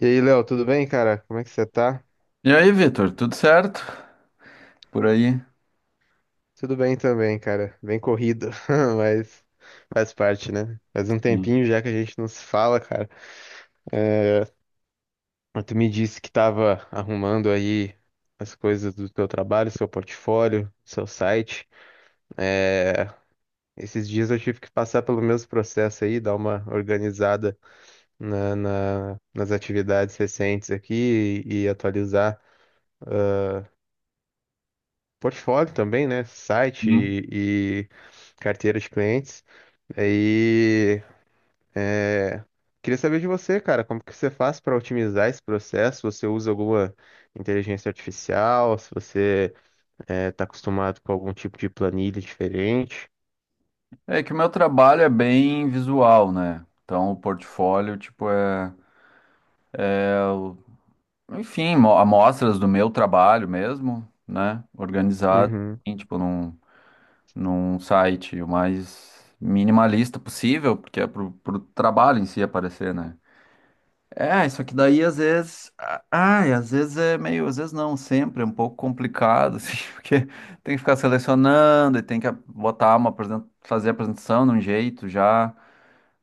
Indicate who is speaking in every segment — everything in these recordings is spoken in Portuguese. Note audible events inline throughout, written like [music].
Speaker 1: E aí, Léo, tudo bem, cara? Como é que você tá?
Speaker 2: E aí, Vitor, tudo certo por aí?
Speaker 1: Tudo bem também, cara. Bem corrido, [laughs] mas faz parte, né? Faz um
Speaker 2: Sim.
Speaker 1: tempinho já que a gente não se fala, cara. Mas tu me disse que tava arrumando aí as coisas do teu trabalho, seu portfólio, seu site. É, Esses dias eu tive que passar pelo mesmo processo aí, dar uma organizada nas atividades recentes aqui e atualizar portfólio também, né? Site
Speaker 2: Sim.
Speaker 1: e carteira de clientes. Aí, é, queria saber de você, cara, como que você faz para otimizar esse processo? Você usa alguma inteligência artificial? Se você tá acostumado com algum tipo de planilha diferente?
Speaker 2: É que o meu trabalho é bem visual, né? Então, o portfólio, tipo, é o, enfim, amostras do meu trabalho mesmo, né? Organizado,
Speaker 1: Uhum,
Speaker 2: assim, tipo, num site o mais minimalista possível, porque é pro trabalho em si aparecer, né? É, isso aqui daí às Ai, às vezes é meio. Às vezes não, sempre é um pouco complicado, [laughs] assim, porque tem que ficar selecionando e tem que botar fazer a apresentação de um jeito já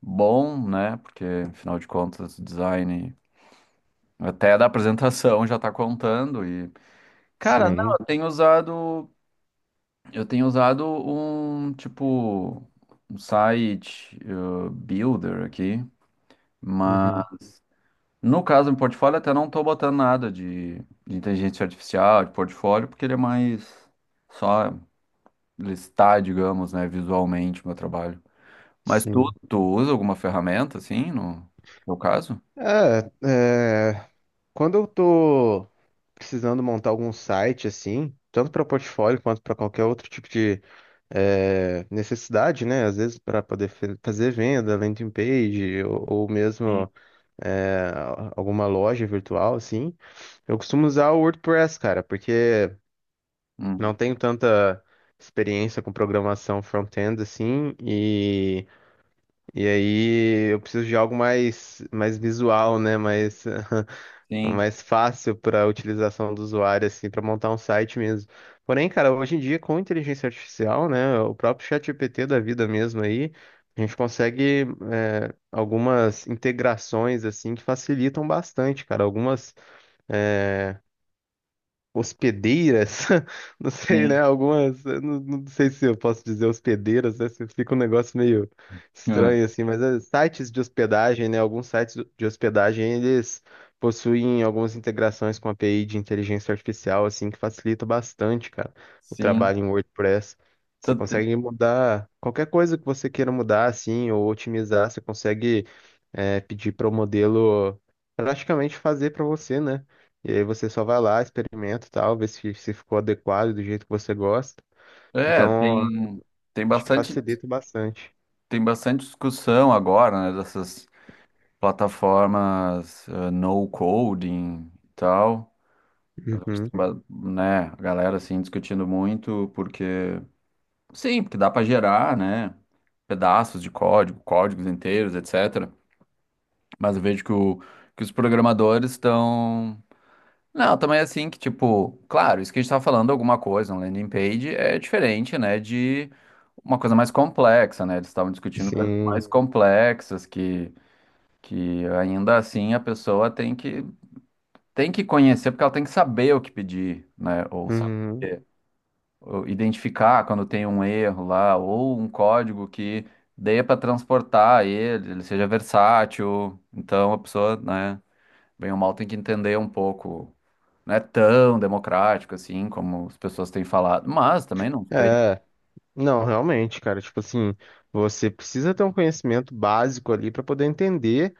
Speaker 2: bom, né? Porque, afinal de contas, o design até da apresentação já tá contando. Cara, não,
Speaker 1: sim,
Speaker 2: eu tenho usado. Eu tenho usado um, tipo, um site builder aqui, mas.
Speaker 1: uhum,
Speaker 2: No caso, em portfólio, até não estou botando nada de inteligência artificial, de portfólio, porque ele é mais só listar, digamos, né, visualmente o meu trabalho. Mas
Speaker 1: sim.
Speaker 2: tu usa alguma ferramenta, assim, no no caso?
Speaker 1: É, é, quando eu tô precisando montar algum site assim, tanto para portfólio quanto para qualquer outro tipo de necessidade, né? Às vezes para poder fazer venda, landing page ou
Speaker 2: Sim.
Speaker 1: mesmo é, alguma loja virtual, assim. Eu costumo usar o WordPress, cara, porque
Speaker 2: Hum.
Speaker 1: não tenho tanta experiência com programação front-end, assim, e aí eu preciso de algo mais visual, né? Mais [laughs]
Speaker 2: Sim,
Speaker 1: mais fácil para utilização do usuário, assim, para montar um site mesmo. Porém, cara, hoje em dia, com inteligência artificial, né, o próprio ChatGPT da vida mesmo aí, a gente consegue algumas integrações, assim, que facilitam bastante, cara. Algumas hospedeiras, [laughs] não sei, né?
Speaker 2: sim.
Speaker 1: Algumas, eu não sei se eu posso dizer hospedeiras, né? se Fica um negócio meio
Speaker 2: É,
Speaker 1: estranho assim, mas sites de hospedagem, né? Alguns sites de hospedagem eles possuem algumas integrações com a API de inteligência artificial, assim, que facilita bastante, cara, o
Speaker 2: sim.
Speaker 1: trabalho em WordPress. Você
Speaker 2: Tu- tu-
Speaker 1: consegue mudar qualquer coisa que você queira mudar, assim, ou otimizar, você consegue pedir para o modelo praticamente fazer para você, né? E aí você só vai lá, experimenta e tal, vê se ficou adequado do jeito que você gosta.
Speaker 2: É,
Speaker 1: Então,
Speaker 2: tem
Speaker 1: acho que
Speaker 2: bastante,
Speaker 1: facilita bastante.
Speaker 2: tem bastante discussão agora, né, dessas plataformas, no coding e tal.
Speaker 1: Uhum,
Speaker 2: Né, a galera assim discutindo muito porque sim, porque dá para gerar, né, pedaços de código, códigos inteiros, etc. Mas eu vejo que os programadores estão. Não, também é assim que tipo, claro, isso que a gente tá falando alguma coisa, um landing page é diferente, né, de uma coisa mais complexa, né? Eles estavam discutindo coisas
Speaker 1: sim.
Speaker 2: mais. Hum. Complexas que ainda assim a pessoa tem que conhecer porque ela tem que saber o que pedir, né, ou saber.
Speaker 1: Uhum.
Speaker 2: Ou identificar quando tem um erro lá, ou um código que dê para transportar ele, ele seja versátil. Então a pessoa, né, bem ou mal tem que entender um pouco. Não é tão democrático assim como as pessoas têm falado, mas também não sei.
Speaker 1: É. Não, realmente, cara, tipo assim, você precisa ter um conhecimento básico ali para poder entender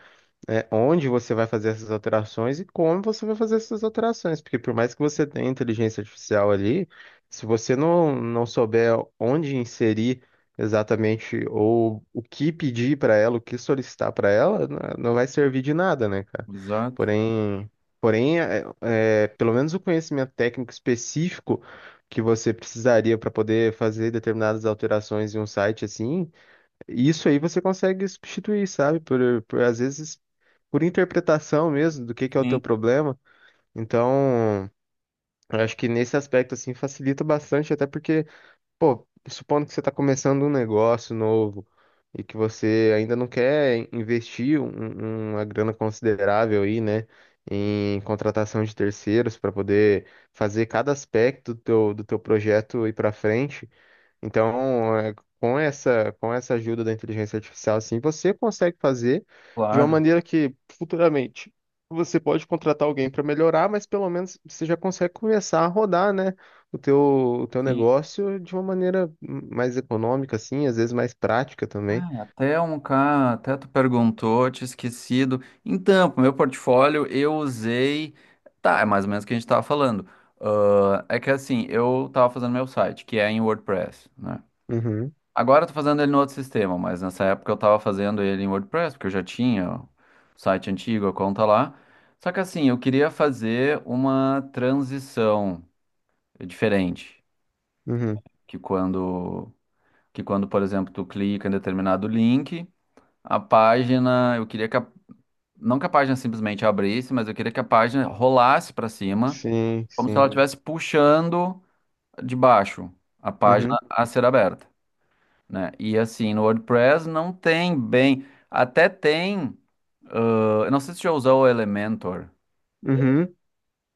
Speaker 1: onde você vai fazer essas alterações e como você vai fazer essas alterações. Porque por mais que você tenha inteligência artificial ali, se você não souber onde inserir exatamente ou o que pedir para ela, o que solicitar para ela, não vai servir de nada, né, cara?
Speaker 2: Exato.
Speaker 1: Porém, porém, pelo menos o conhecimento técnico específico que você precisaria para poder fazer determinadas alterações em um site assim. E isso aí você consegue substituir, sabe? Por às vezes por interpretação mesmo do que é o teu
Speaker 2: Sim,
Speaker 1: problema. Então, eu acho que nesse aspecto assim facilita bastante, até porque, pô, supondo que você está começando um negócio novo e que você ainda não quer investir uma grana considerável aí, né, em contratação de terceiros para poder fazer cada aspecto do teu projeto ir para frente. Então, com essa ajuda da inteligência artificial, assim, você consegue fazer de uma
Speaker 2: claro.
Speaker 1: maneira que futuramente você pode contratar alguém para melhorar, mas pelo menos você já consegue começar a rodar, né, o teu
Speaker 2: Sim.
Speaker 1: negócio de uma maneira mais econômica, assim, às vezes mais prática também.
Speaker 2: Até um cara, até tu perguntou, tinha esquecido. Então, pro meu portfólio eu usei. Tá, é mais ou menos o que a gente tava falando. Ah, é que assim, eu tava fazendo meu site, que é em WordPress, né?
Speaker 1: Uhum,
Speaker 2: Agora eu tô fazendo ele no outro sistema, mas nessa época eu tava fazendo ele em WordPress, porque eu já tinha o site antigo, a conta lá. Só que assim, eu queria fazer uma transição diferente,
Speaker 1: uhum.
Speaker 2: que quando, que quando, por exemplo, tu clica em determinado link a página, eu queria que não que a página simplesmente abrisse, mas eu queria que a página rolasse para cima,
Speaker 1: Sim,
Speaker 2: como se ela.
Speaker 1: sim.
Speaker 2: Hum. Estivesse puxando de baixo a página
Speaker 1: Uhum,
Speaker 2: a ser aberta, né? E assim, no WordPress não tem bem, até tem, ah, eu não sei se você já usou o Elementor.
Speaker 1: uhum.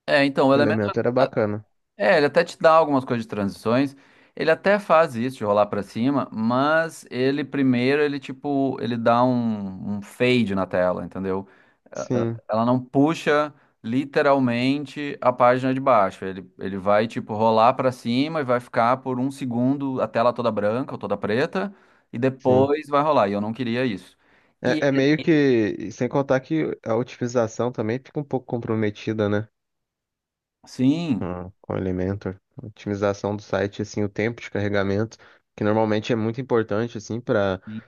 Speaker 2: É, então, o.
Speaker 1: Elemento era bacana.
Speaker 2: É, ele até te dá algumas coisas de transições. Ele até faz isso de rolar pra cima, mas ele primeiro ele tipo, ele dá um fade na tela, entendeu?
Speaker 1: Sim,
Speaker 2: Ela não puxa literalmente a página de baixo. Ele vai tipo rolar pra cima e vai ficar por um segundo a tela toda branca ou toda preta e
Speaker 1: sim.
Speaker 2: depois vai rolar. E eu não queria isso. E
Speaker 1: É meio que, sem contar que a otimização também fica um pouco comprometida, né?
Speaker 2: sim,
Speaker 1: Ah, com o Elementor. Otimização do site, assim, o tempo de carregamento, que normalmente é muito importante, assim, para
Speaker 2: sim.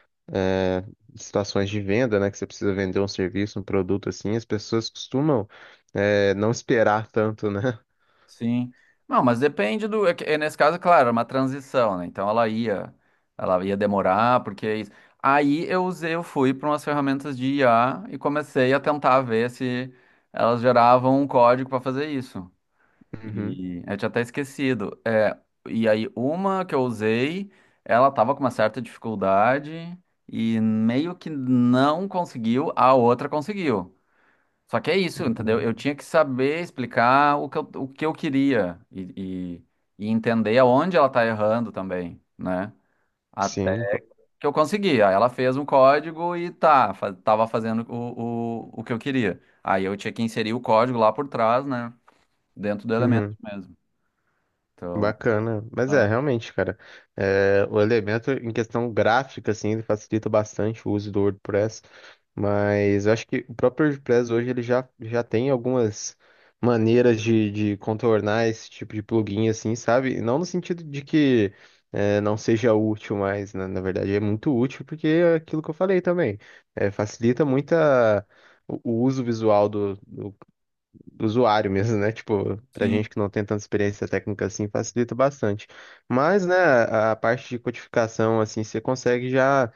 Speaker 1: situações de venda, né? Que você precisa vender um serviço, um produto, assim, as pessoas costumam não esperar tanto, né? [laughs]
Speaker 2: Sim. Não, mas depende do. É, é nesse caso, claro, era uma transição, né? Então ela ela ia demorar, porque é isso. Aí eu usei, eu fui para umas ferramentas de IA e comecei a tentar ver se elas geravam um código para fazer isso.
Speaker 1: Uhum.
Speaker 2: E eu tinha até esquecido. É, e aí uma que eu usei, ela tava com uma certa dificuldade e meio que não conseguiu, a outra conseguiu. Só que é isso, entendeu?
Speaker 1: Uhum.
Speaker 2: Eu tinha que saber explicar o que o que eu queria e entender aonde ela tá errando também, né? Até
Speaker 1: Sim, pô.
Speaker 2: que eu consegui. Aí ela fez um código e tá, fa tava fazendo o que eu queria. Aí eu tinha que inserir o código lá por trás, né? Dentro do elemento
Speaker 1: Uhum.
Speaker 2: mesmo. Então,
Speaker 1: Bacana. Mas
Speaker 2: é,
Speaker 1: realmente, cara, o elemento em questão gráfica, assim, ele facilita bastante o uso do WordPress, mas eu acho que o próprio WordPress hoje ele já tem algumas maneiras de contornar esse tipo de plugin, assim, sabe? Não no sentido de que não seja útil, mas na verdade é muito útil, porque é aquilo que eu falei também, facilita muito o uso visual do usuário mesmo, né? Tipo, pra
Speaker 2: sim.
Speaker 1: gente que não tem tanta experiência técnica assim, facilita bastante. Mas, né, a parte de codificação, assim, você consegue já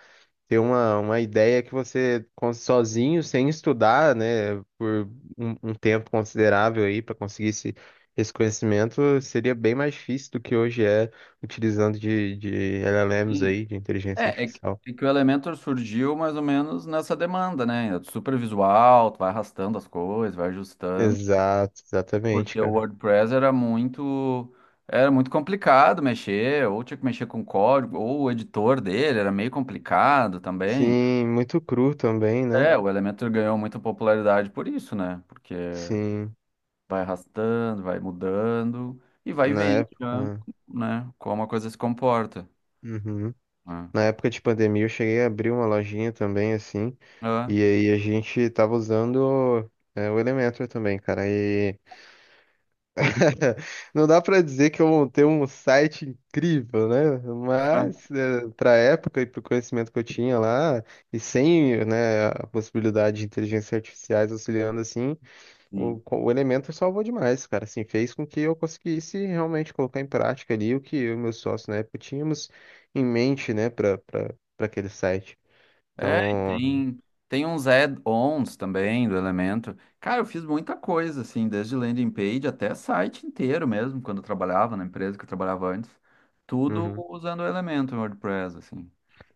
Speaker 1: ter uma ideia que você, cons- sozinho, sem estudar, né, por um tempo considerável aí, para conseguir esse conhecimento, seria bem mais difícil do que hoje é, utilizando de LLMs
Speaker 2: Sim.
Speaker 1: aí, de inteligência
Speaker 2: É, é que,
Speaker 1: artificial.
Speaker 2: é que o Elementor surgiu mais ou menos nessa demanda, né? É super visual, tu vai arrastando as coisas, vai ajustando.
Speaker 1: Exato, exatamente,
Speaker 2: Porque o
Speaker 1: cara.
Speaker 2: WordPress era muito complicado mexer, ou tinha que mexer com código, ou o editor dele era meio complicado também. Então,
Speaker 1: Sim, muito cru também, né?
Speaker 2: é, o Elementor ganhou muita popularidade por isso, né? Porque
Speaker 1: Sim,
Speaker 2: vai arrastando, vai mudando e vai
Speaker 1: na
Speaker 2: vendo já,
Speaker 1: época.
Speaker 2: né, como a coisa se comporta.
Speaker 1: Uhum.
Speaker 2: Né?
Speaker 1: Na época de pandemia, eu cheguei a abrir uma lojinha também, assim,
Speaker 2: É,
Speaker 1: e aí a gente tava usando o Elementor também, cara. E [laughs] não dá pra dizer que eu montei um site incrível, né?
Speaker 2: é,
Speaker 1: Mas é, pra época e pro conhecimento que eu tinha lá, e sem, né, a possibilidade de inteligência artificiais auxiliando assim.
Speaker 2: sim.
Speaker 1: O elemento salvou demais, cara. Assim, fez com que eu conseguisse realmente colocar em prática ali o que eu e meus sócios na época tínhamos em mente, né, para aquele site.
Speaker 2: É, e
Speaker 1: Então,
Speaker 2: tem, tem uns add-ons também do Elemento. Cara, eu fiz muita coisa, assim, desde landing page até site inteiro mesmo, quando eu trabalhava na empresa que eu trabalhava antes. Tudo
Speaker 1: uhum.
Speaker 2: usando o Elemento no WordPress, assim.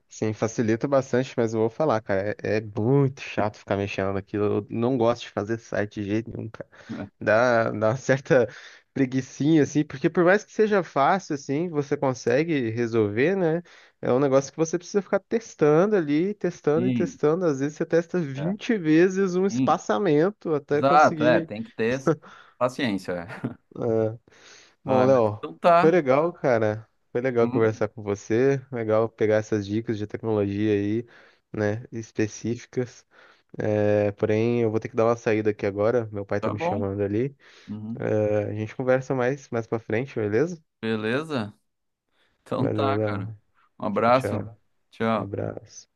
Speaker 1: Sim, facilita bastante, mas eu vou falar, cara, é muito chato ficar mexendo naquilo. Eu não gosto de fazer site de jeito nenhum,
Speaker 2: É.
Speaker 1: dá uma certa preguicinha, assim, porque por mais que seja fácil, assim, você consegue resolver, né? É um negócio que você precisa ficar testando ali, testando e
Speaker 2: Sim,
Speaker 1: testando. Às vezes você testa
Speaker 2: é,
Speaker 1: 20 vezes um
Speaker 2: sim.
Speaker 1: espaçamento até
Speaker 2: Exato, é,
Speaker 1: conseguir.
Speaker 2: tem que ter paciência. É.
Speaker 1: É. Bom,
Speaker 2: Ah, mas
Speaker 1: Léo,
Speaker 2: então
Speaker 1: foi
Speaker 2: tá.
Speaker 1: legal, cara. Foi legal
Speaker 2: Uhum.
Speaker 1: conversar com você. Legal pegar essas dicas de tecnologia aí, né, específicas. Porém, eu vou ter que dar uma saída aqui agora. Meu pai tá
Speaker 2: Tá
Speaker 1: me
Speaker 2: bom.
Speaker 1: chamando ali.
Speaker 2: Uhum.
Speaker 1: A gente conversa mais pra frente, beleza?
Speaker 2: Beleza? Então
Speaker 1: Valeu,
Speaker 2: tá, cara.
Speaker 1: Léo.
Speaker 2: Um
Speaker 1: Tchau,
Speaker 2: abraço.
Speaker 1: tchau. Um
Speaker 2: Tchau.
Speaker 1: abraço.